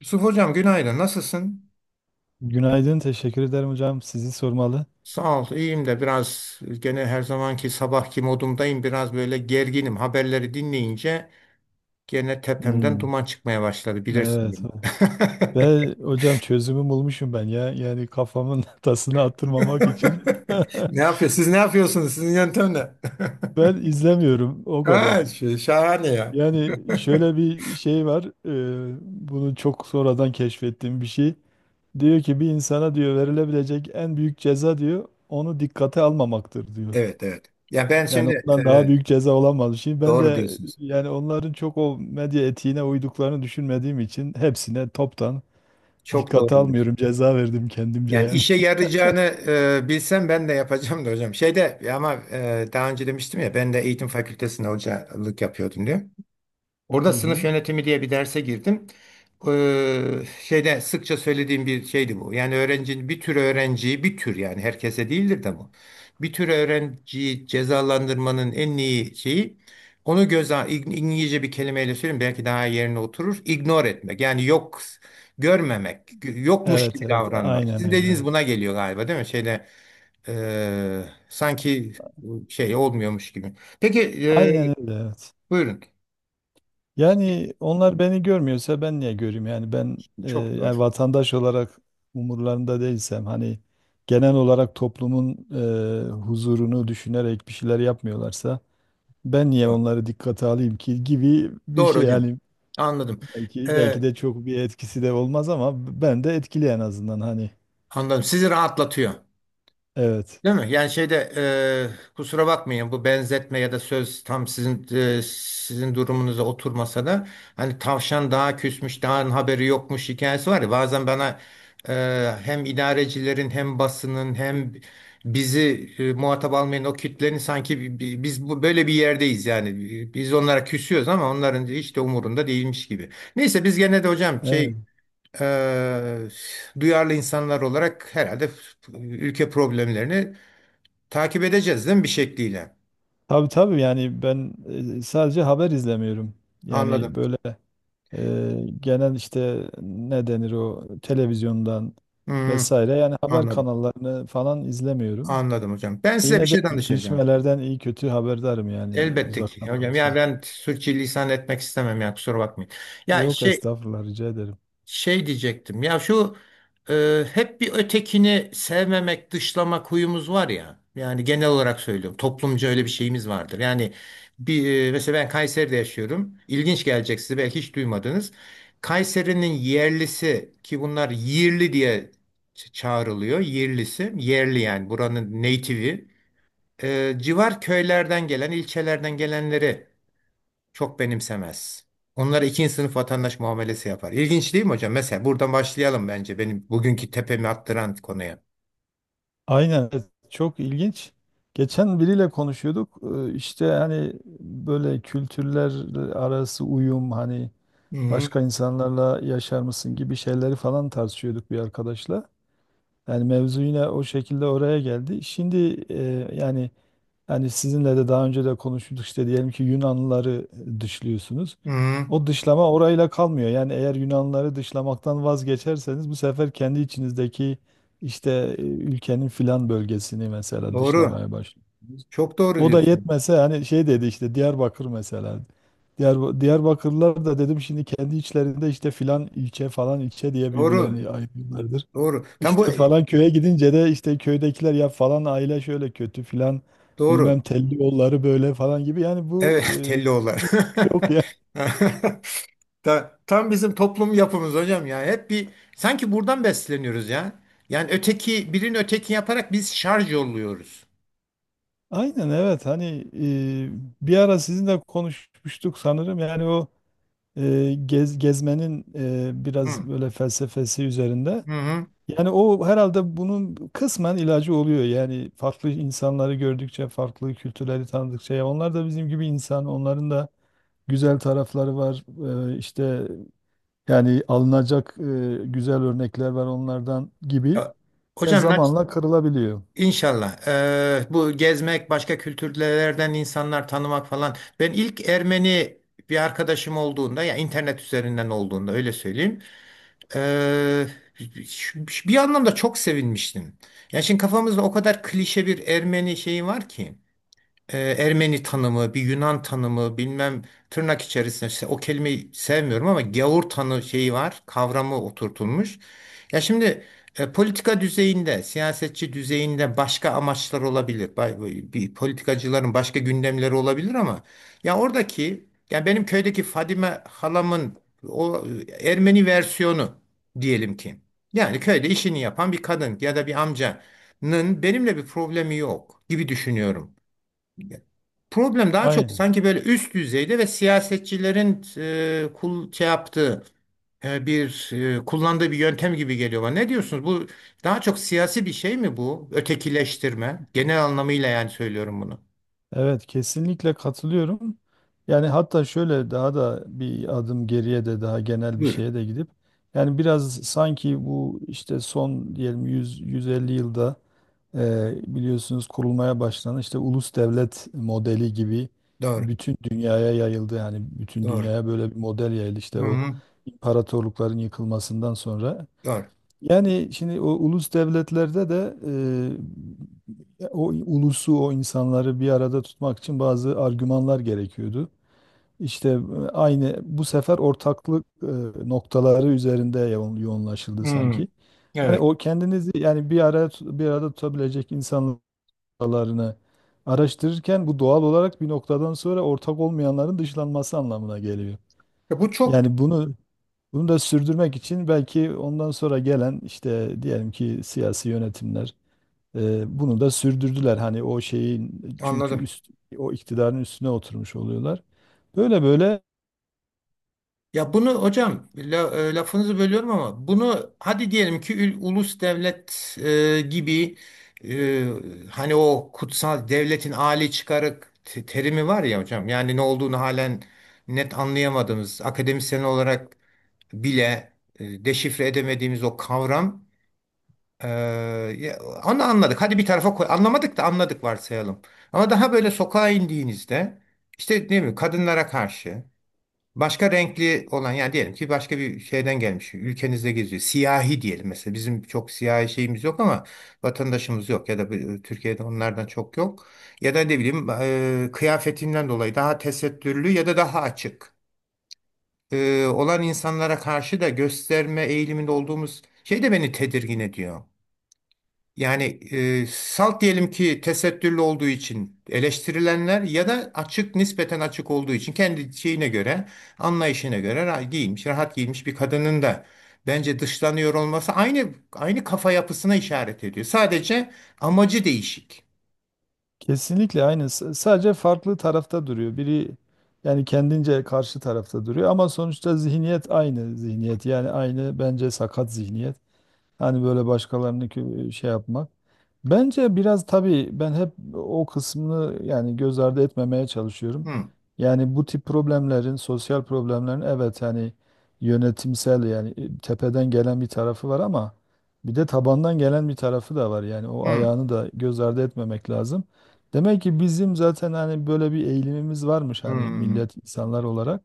Yusuf Hocam günaydın. Nasılsın? Günaydın, teşekkür ederim hocam. Sizi sormalı. Sağ ol. İyiyim de biraz gene her zamanki sabahki modumdayım. Biraz böyle gerginim. Haberleri dinleyince gene tepemden Hmm. duman çıkmaya başladı. Bilirsin Evet. beni. Ve hocam çözümü bulmuşum ben ya. Yani kafamın tasını attırmamak için. Ne yapıyor? Siz ne yapıyorsunuz? Sizin yöntem ne? Ben izlemiyorum o Ha, kadar. şey, şahane ya. Yani şöyle bir şey var. Bunu çok sonradan keşfettiğim bir şey. Diyor ki bir insana, diyor, verilebilecek en büyük ceza, diyor, onu dikkate almamaktır, diyor. Evet evet. Ya ben Yani şimdi ondan daha evet, büyük ceza olamaz. Şimdi ben doğru de, diyorsunuz. yani onların çok o medya etiğine uyduklarını düşünmediğim için, hepsine toptan Çok doğru dikkate almıyorum. diyorsunuz. Ceza verdim kendimce Yani yani. işe yarayacağını bilsem ben de yapacağım da hocam. Şeyde ama daha önce demiştim ya ben de eğitim fakültesinde hocalık yapıyordum diyor. Hı Orada sınıf hı. yönetimi diye bir derse girdim. Şeyde sıkça söylediğim bir şeydi bu. Yani öğrencinin bir tür öğrenciyi bir tür yani herkese değildir de bu. Bir tür öğrenciyi cezalandırmanın en iyi şeyi onu göze İngilizce bir kelimeyle söyleyeyim belki daha yerine oturur. Ignore etmek yani yok görmemek yokmuş Evet gibi evet. davranmak. Sizin Aynen dediğiniz öyle. buna geliyor galiba değil mi? Şeyde sanki şey olmuyormuş gibi. Peki e, Aynen öyle, evet. buyurun. Yani onlar beni görmüyorsa ben niye göreyim? Yani ben, Çok doğru. yani vatandaş olarak umurlarında değilsem, hani genel olarak toplumun huzurunu düşünerek bir şeyler yapmıyorlarsa, ben niye Doğru. onları dikkate alayım ki, gibi bir Doğru şey hocam. yani. Anladım. belki Ee, belki de çok bir etkisi de olmaz ama ben de etkili, en azından hani, anladım. Sizi rahatlatıyor. evet. Değil mi? Yani şeyde kusura bakmayın bu benzetme ya da söz tam sizin sizin durumunuza oturmasa da hani tavşan daha küsmüş, daha haberi yokmuş hikayesi var ya bazen bana hem idarecilerin hem basının hem bizi muhatap almayan o kitlenin sanki biz bu böyle bir yerdeyiz yani. Biz onlara küsüyoruz ama onların hiç de umurunda değilmiş gibi. Neyse biz gene de hocam Evet. eee, duyarlı insanlar olarak herhalde ülke problemlerini takip edeceğiz değil mi bir şekliyle? Tabii tabii, yani ben sadece haber izlemiyorum. Yani Anladım. böyle genel, işte ne denir, o televizyondan Hı hı, vesaire, yani haber anladım. kanallarını falan izlemiyorum. Anladım hocam. Ben size bir Yine de şey danışacağım. gelişmelerden iyi kötü haberdarım, yani Elbette ki uzaktan da hocam. Ya olsa. ben sürçülisan etmek istemem ya kusura bakmayın. Ya Yok, şey estağfurullah, rica ederim. Şey diyecektim ya şu hep bir ötekini sevmemek, dışlamak huyumuz var ya. Yani genel olarak söylüyorum. Toplumca öyle bir şeyimiz vardır. Yani mesela ben Kayseri'de yaşıyorum. İlginç gelecek size belki hiç duymadınız. Kayseri'nin yerlisi ki bunlar yerli diye çağrılıyor. Yerlisi, yerli yani buranın native'i. Civar köylerden gelen, ilçelerden gelenleri çok benimsemez. Onlara ikinci sınıf vatandaş muamelesi yapar. İlginç değil mi hocam? Mesela buradan başlayalım bence benim bugünkü tepemi attıran konuya. Aynen evet, çok ilginç. Geçen biriyle konuşuyorduk. İşte hani böyle kültürler arası uyum, hani Hı hı. başka insanlarla yaşar mısın gibi şeyleri falan tartışıyorduk bir arkadaşla. Yani mevzu yine o şekilde oraya geldi. Şimdi, yani sizinle de daha önce de konuştuk, işte diyelim ki Yunanlıları dışlıyorsunuz. Hı, O dışlama orayla kalmıyor. Yani eğer Yunanlıları dışlamaktan vazgeçerseniz, bu sefer kendi içinizdeki, işte ülkenin filan bölgesini mesela doğru. dışlamaya başlıyorsunuz. Çok doğru O da diyorsun. yetmese, hani şey dedi, işte Diyarbakır mesela. Diyarbakırlılar da, dedim, şimdi kendi içlerinde işte filan ilçe, falan ilçe diye Doğru. birbirlerini ayırıyorlardır. Doğru. Tam bu İşte falan köye gidince de işte köydekiler ya falan aile şöyle kötü, filan doğru. bilmem telli yolları, böyle falan gibi. Yani bu, Evet, Telloğullar. yok ya. Tam bizim toplum yapımız hocam ya. Hep bir sanki buradan besleniyoruz ya. Yani öteki birini öteki yaparak biz şarj yolluyoruz. Aynen evet, hani bir ara sizinle konuşmuştuk sanırım, yani o gezmenin biraz Hı, böyle felsefesi üzerinde. hı, hı. Yani o herhalde bunun kısmen ilacı oluyor. Yani farklı insanları gördükçe, farklı kültürleri tanıdıkça, ya onlar da bizim gibi insan, onların da güzel tarafları var. İşte yani alınacak güzel örnekler var onlardan gibi. Ya, Ya Hocam zamanla kırılabiliyor. İnşallah. Bu gezmek, başka kültürlerden insanlar tanımak falan. Ben ilk Ermeni bir arkadaşım olduğunda ya internet üzerinden olduğunda öyle söyleyeyim. eee, bir anlamda çok sevinmiştim. Ya şimdi kafamızda o kadar klişe bir Ermeni şeyi var ki Ermeni tanımı, bir Yunan tanımı, bilmem tırnak içerisinde o kelimeyi sevmiyorum ama gavur tanı şeyi var, kavramı oturtulmuş. Ya şimdi politika düzeyinde, siyasetçi düzeyinde başka amaçlar olabilir. Bir politikacıların başka gündemleri olabilir ama ya oradaki ya benim köydeki Fadime halamın o Ermeni versiyonu diyelim ki. Yani köyde işini yapan bir kadın ya da bir amcanın benimle bir problemi yok gibi düşünüyorum. Problem daha çok Aynen. sanki böyle üst düzeyde ve siyasetçilerin e, kul şey yaptığı e, bir kullandığı bir yöntem gibi geliyor bana. Ne diyorsunuz? Bu daha çok siyasi bir şey mi bu? Ötekileştirme. Genel anlamıyla yani söylüyorum bunu. Evet, kesinlikle katılıyorum. Yani hatta şöyle daha da bir adım geriye de, daha genel bir Buyurun. şeye de gidip, yani biraz sanki bu işte, son diyelim 100-150 yılda, biliyorsunuz, kurulmaya başlanan işte ulus devlet modeli gibi, Doğru. bütün dünyaya yayıldı. Yani bütün Doğru. dünyaya böyle bir model yayıldı, Hı işte o hı. imparatorlukların yıkılmasından sonra. Doğru. Yani şimdi o ulus devletlerde de, o ulusu, o insanları bir arada tutmak için bazı argümanlar gerekiyordu. İşte aynı bu sefer ortaklık noktaları üzerinde yoğunlaşıldı Hı. sanki. Hani Evet. o kendinizi, yani bir araya bir arada tutabilecek insanlar noktalarını araştırırken, bu doğal olarak bir noktadan sonra ortak olmayanların dışlanması anlamına geliyor. Ya bu çok Yani bunu da sürdürmek için, belki ondan sonra gelen işte, diyelim ki, siyasi yönetimler bunu da sürdürdüler. Hani o şeyin, çünkü anladım. O iktidarın üstüne oturmuş oluyorlar. Böyle böyle Ya bunu hocam lafınızı bölüyorum ama bunu hadi diyelim ki ulus devlet gibi e, hani o kutsal devletin âli çıkarı terimi var ya hocam yani ne olduğunu halen net anlayamadığımız akademisyen olarak bile deşifre edemediğimiz o kavram e, ya onu anladık hadi bir tarafa koy anlamadık da anladık varsayalım ama daha böyle sokağa indiğinizde işte ne bileyim kadınlara karşı başka renkli olan yani diyelim ki başka bir şeyden gelmiş ülkenizde geziyor. Siyahi diyelim mesela bizim çok siyahi şeyimiz yok ama vatandaşımız yok ya da Türkiye'de onlardan çok yok. Ya da ne bileyim kıyafetinden dolayı daha tesettürlü ya da daha açık olan insanlara karşı da gösterme eğiliminde olduğumuz şey de beni tedirgin ediyor. Yani salt diyelim ki tesettürlü olduğu için eleştirilenler ya da açık nispeten açık olduğu için kendi şeyine göre anlayışına göre giyinmiş rahat giymiş bir kadının da bence dışlanıyor olması aynı kafa yapısına işaret ediyor. Sadece amacı değişik. kesinlikle aynı. Sadece farklı tarafta duruyor. Biri, yani kendince karşı tarafta duruyor ama sonuçta zihniyet aynı zihniyet. Yani aynı, bence, sakat zihniyet. Hani böyle başkalarını şey yapmak. Bence biraz, tabii, ben hep o kısmını yani göz ardı etmemeye çalışıyorum. Hmm, Yani bu tip problemlerin, sosyal problemlerin, evet hani, yönetimsel, yani tepeden gelen bir tarafı var ama bir de tabandan gelen bir tarafı da var. Yani o hmm, ayağını da göz ardı etmemek lazım. Demek ki bizim zaten hani böyle bir eğilimimiz varmış, hani hmm. millet, insanlar olarak.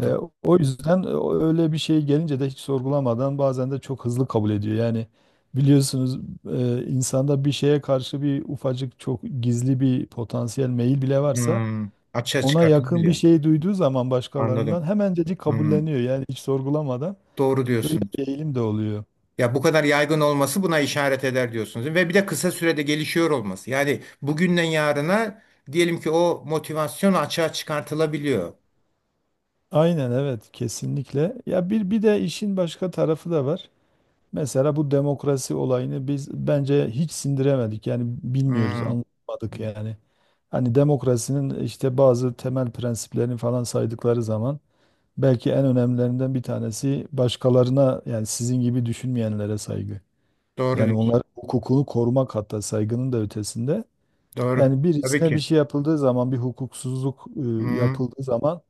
E, o yüzden, öyle bir şey gelince de hiç sorgulamadan, bazen de çok hızlı kabul ediyor. Yani biliyorsunuz, insanda bir şeye karşı bir ufacık, çok gizli bir potansiyel meyil bile varsa, Hmm. Açığa ona yakın bir çıkartılabiliyor. şey duyduğu zaman, başkalarından Anladım. hemencecik Hmm. kabulleniyor. Yani hiç sorgulamadan, Doğru böyle diyorsun. bir eğilim de oluyor. Ya bu kadar yaygın olması buna işaret eder diyorsunuz. Ve bir de kısa sürede gelişiyor olması. Yani bugünden yarına diyelim ki o motivasyon açığa çıkartılabiliyor. Aynen evet, kesinlikle. Ya bir de işin başka tarafı da var. Mesela bu demokrasi olayını biz bence hiç sindiremedik. Yani bilmiyoruz, Hmm, anlamadık yani. Hani demokrasinin işte bazı temel prensiplerini falan saydıkları zaman, belki en önemlilerinden bir tanesi başkalarına, yani sizin gibi düşünmeyenlere saygı. doğru Yani diyorsun. onların hukukunu korumak, hatta saygının da ötesinde. Doğru. Yani Tabii birisine bir ki. şey yapıldığı zaman, bir hukuksuzluk Hmm, yapıldığı zaman,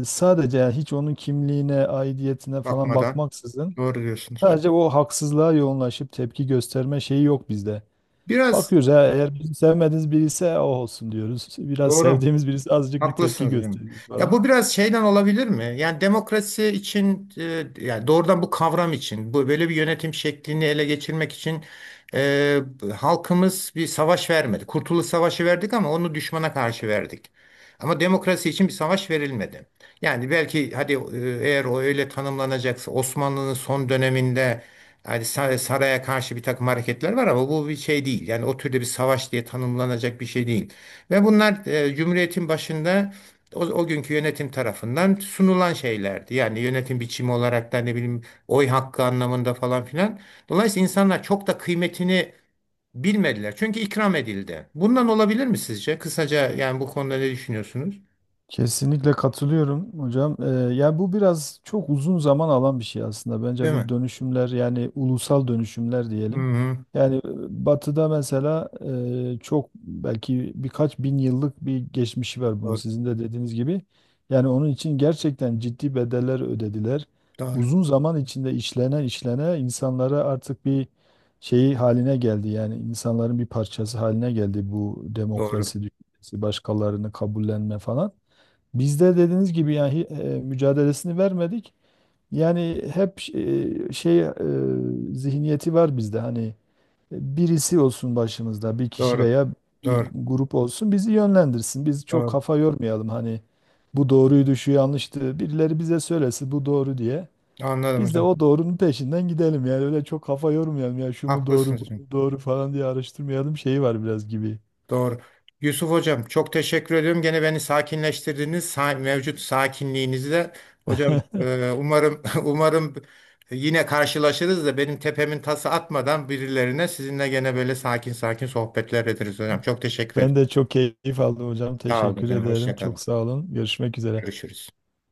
sadece, yani hiç onun kimliğine, aidiyetine falan bakmadan. bakmaksızın, Doğru diyorsunuz. sadece o haksızlığa yoğunlaşıp tepki gösterme şeyi yok bizde. Biraz Bakıyoruz, ha, eğer bizim sevmediğimiz biri ise, o olsun diyoruz. Biraz doğru. sevdiğimiz birisi, azıcık bir tepki Haklısınız hocam. gösteriyoruz Ya falan. bu biraz şeyden olabilir mi? Yani demokrasi için yani doğrudan bu kavram için bu böyle bir yönetim şeklini ele geçirmek için e, halkımız bir savaş vermedi. Kurtuluş Savaşı verdik ama onu düşmana karşı verdik. Ama demokrasi için bir savaş verilmedi. Yani belki hadi eğer o öyle tanımlanacaksa Osmanlı'nın son döneminde yani saraya karşı bir takım hareketler var ama bu bir şey değil. Yani o türde bir savaş diye tanımlanacak bir şey değil. Ve bunlar Cumhuriyet'in başında o günkü yönetim tarafından sunulan şeylerdi. Yani yönetim biçimi olarak da ne bileyim oy hakkı anlamında falan filan. Dolayısıyla insanlar çok da kıymetini bilmediler. Çünkü ikram edildi. Bundan olabilir mi sizce? Kısaca yani bu konuda ne düşünüyorsunuz? Kesinlikle katılıyorum hocam. Ya bu biraz çok uzun zaman alan bir şey aslında. Bence Değil bu mi? dönüşümler, yani ulusal dönüşümler Hı diyelim. hı. Yani Batı'da mesela çok, belki birkaç bin yıllık bir geçmişi var bunun, Doğru. sizin de dediğiniz gibi. Yani onun için gerçekten ciddi bedeller ödediler. Doğru. Uzun zaman içinde işlene işlene insanlara artık bir şeyi haline geldi. Yani insanların bir parçası haline geldi bu Doğru. demokrasi düşüncesi, başkalarını kabullenme falan. Bizde, dediğiniz gibi, yani mücadelesini vermedik. Yani hep şey zihniyeti var bizde, hani birisi olsun başımızda, bir kişi Doğru. veya bir Doğru. grup olsun, bizi yönlendirsin. Biz çok Doğru. kafa yormayalım, hani bu doğruydu, şu yanlıştı, birileri bize söylesin bu doğru diye. Anladım Biz de hocam. o doğrunun peşinden gidelim, yani öyle çok kafa yormayalım, ya şu mu doğru Haklısınız. bu mu doğru falan diye araştırmayalım, şeyi var biraz gibi. Doğru. Yusuf Hocam çok teşekkür ediyorum. Gene beni sakinleştirdiniz. Mevcut sakinliğinizle. Hocam umarım umarım yine karşılaşırız da benim tepemin tası atmadan birilerine sizinle gene böyle sakin sakin sohbetler ederiz hocam. Çok teşekkür Ben ederim. de çok keyif aldım hocam. Sağ olun Teşekkür hocam. ederim. Hoşça kalın. Çok sağ olun. Görüşmek üzere. Görüşürüz.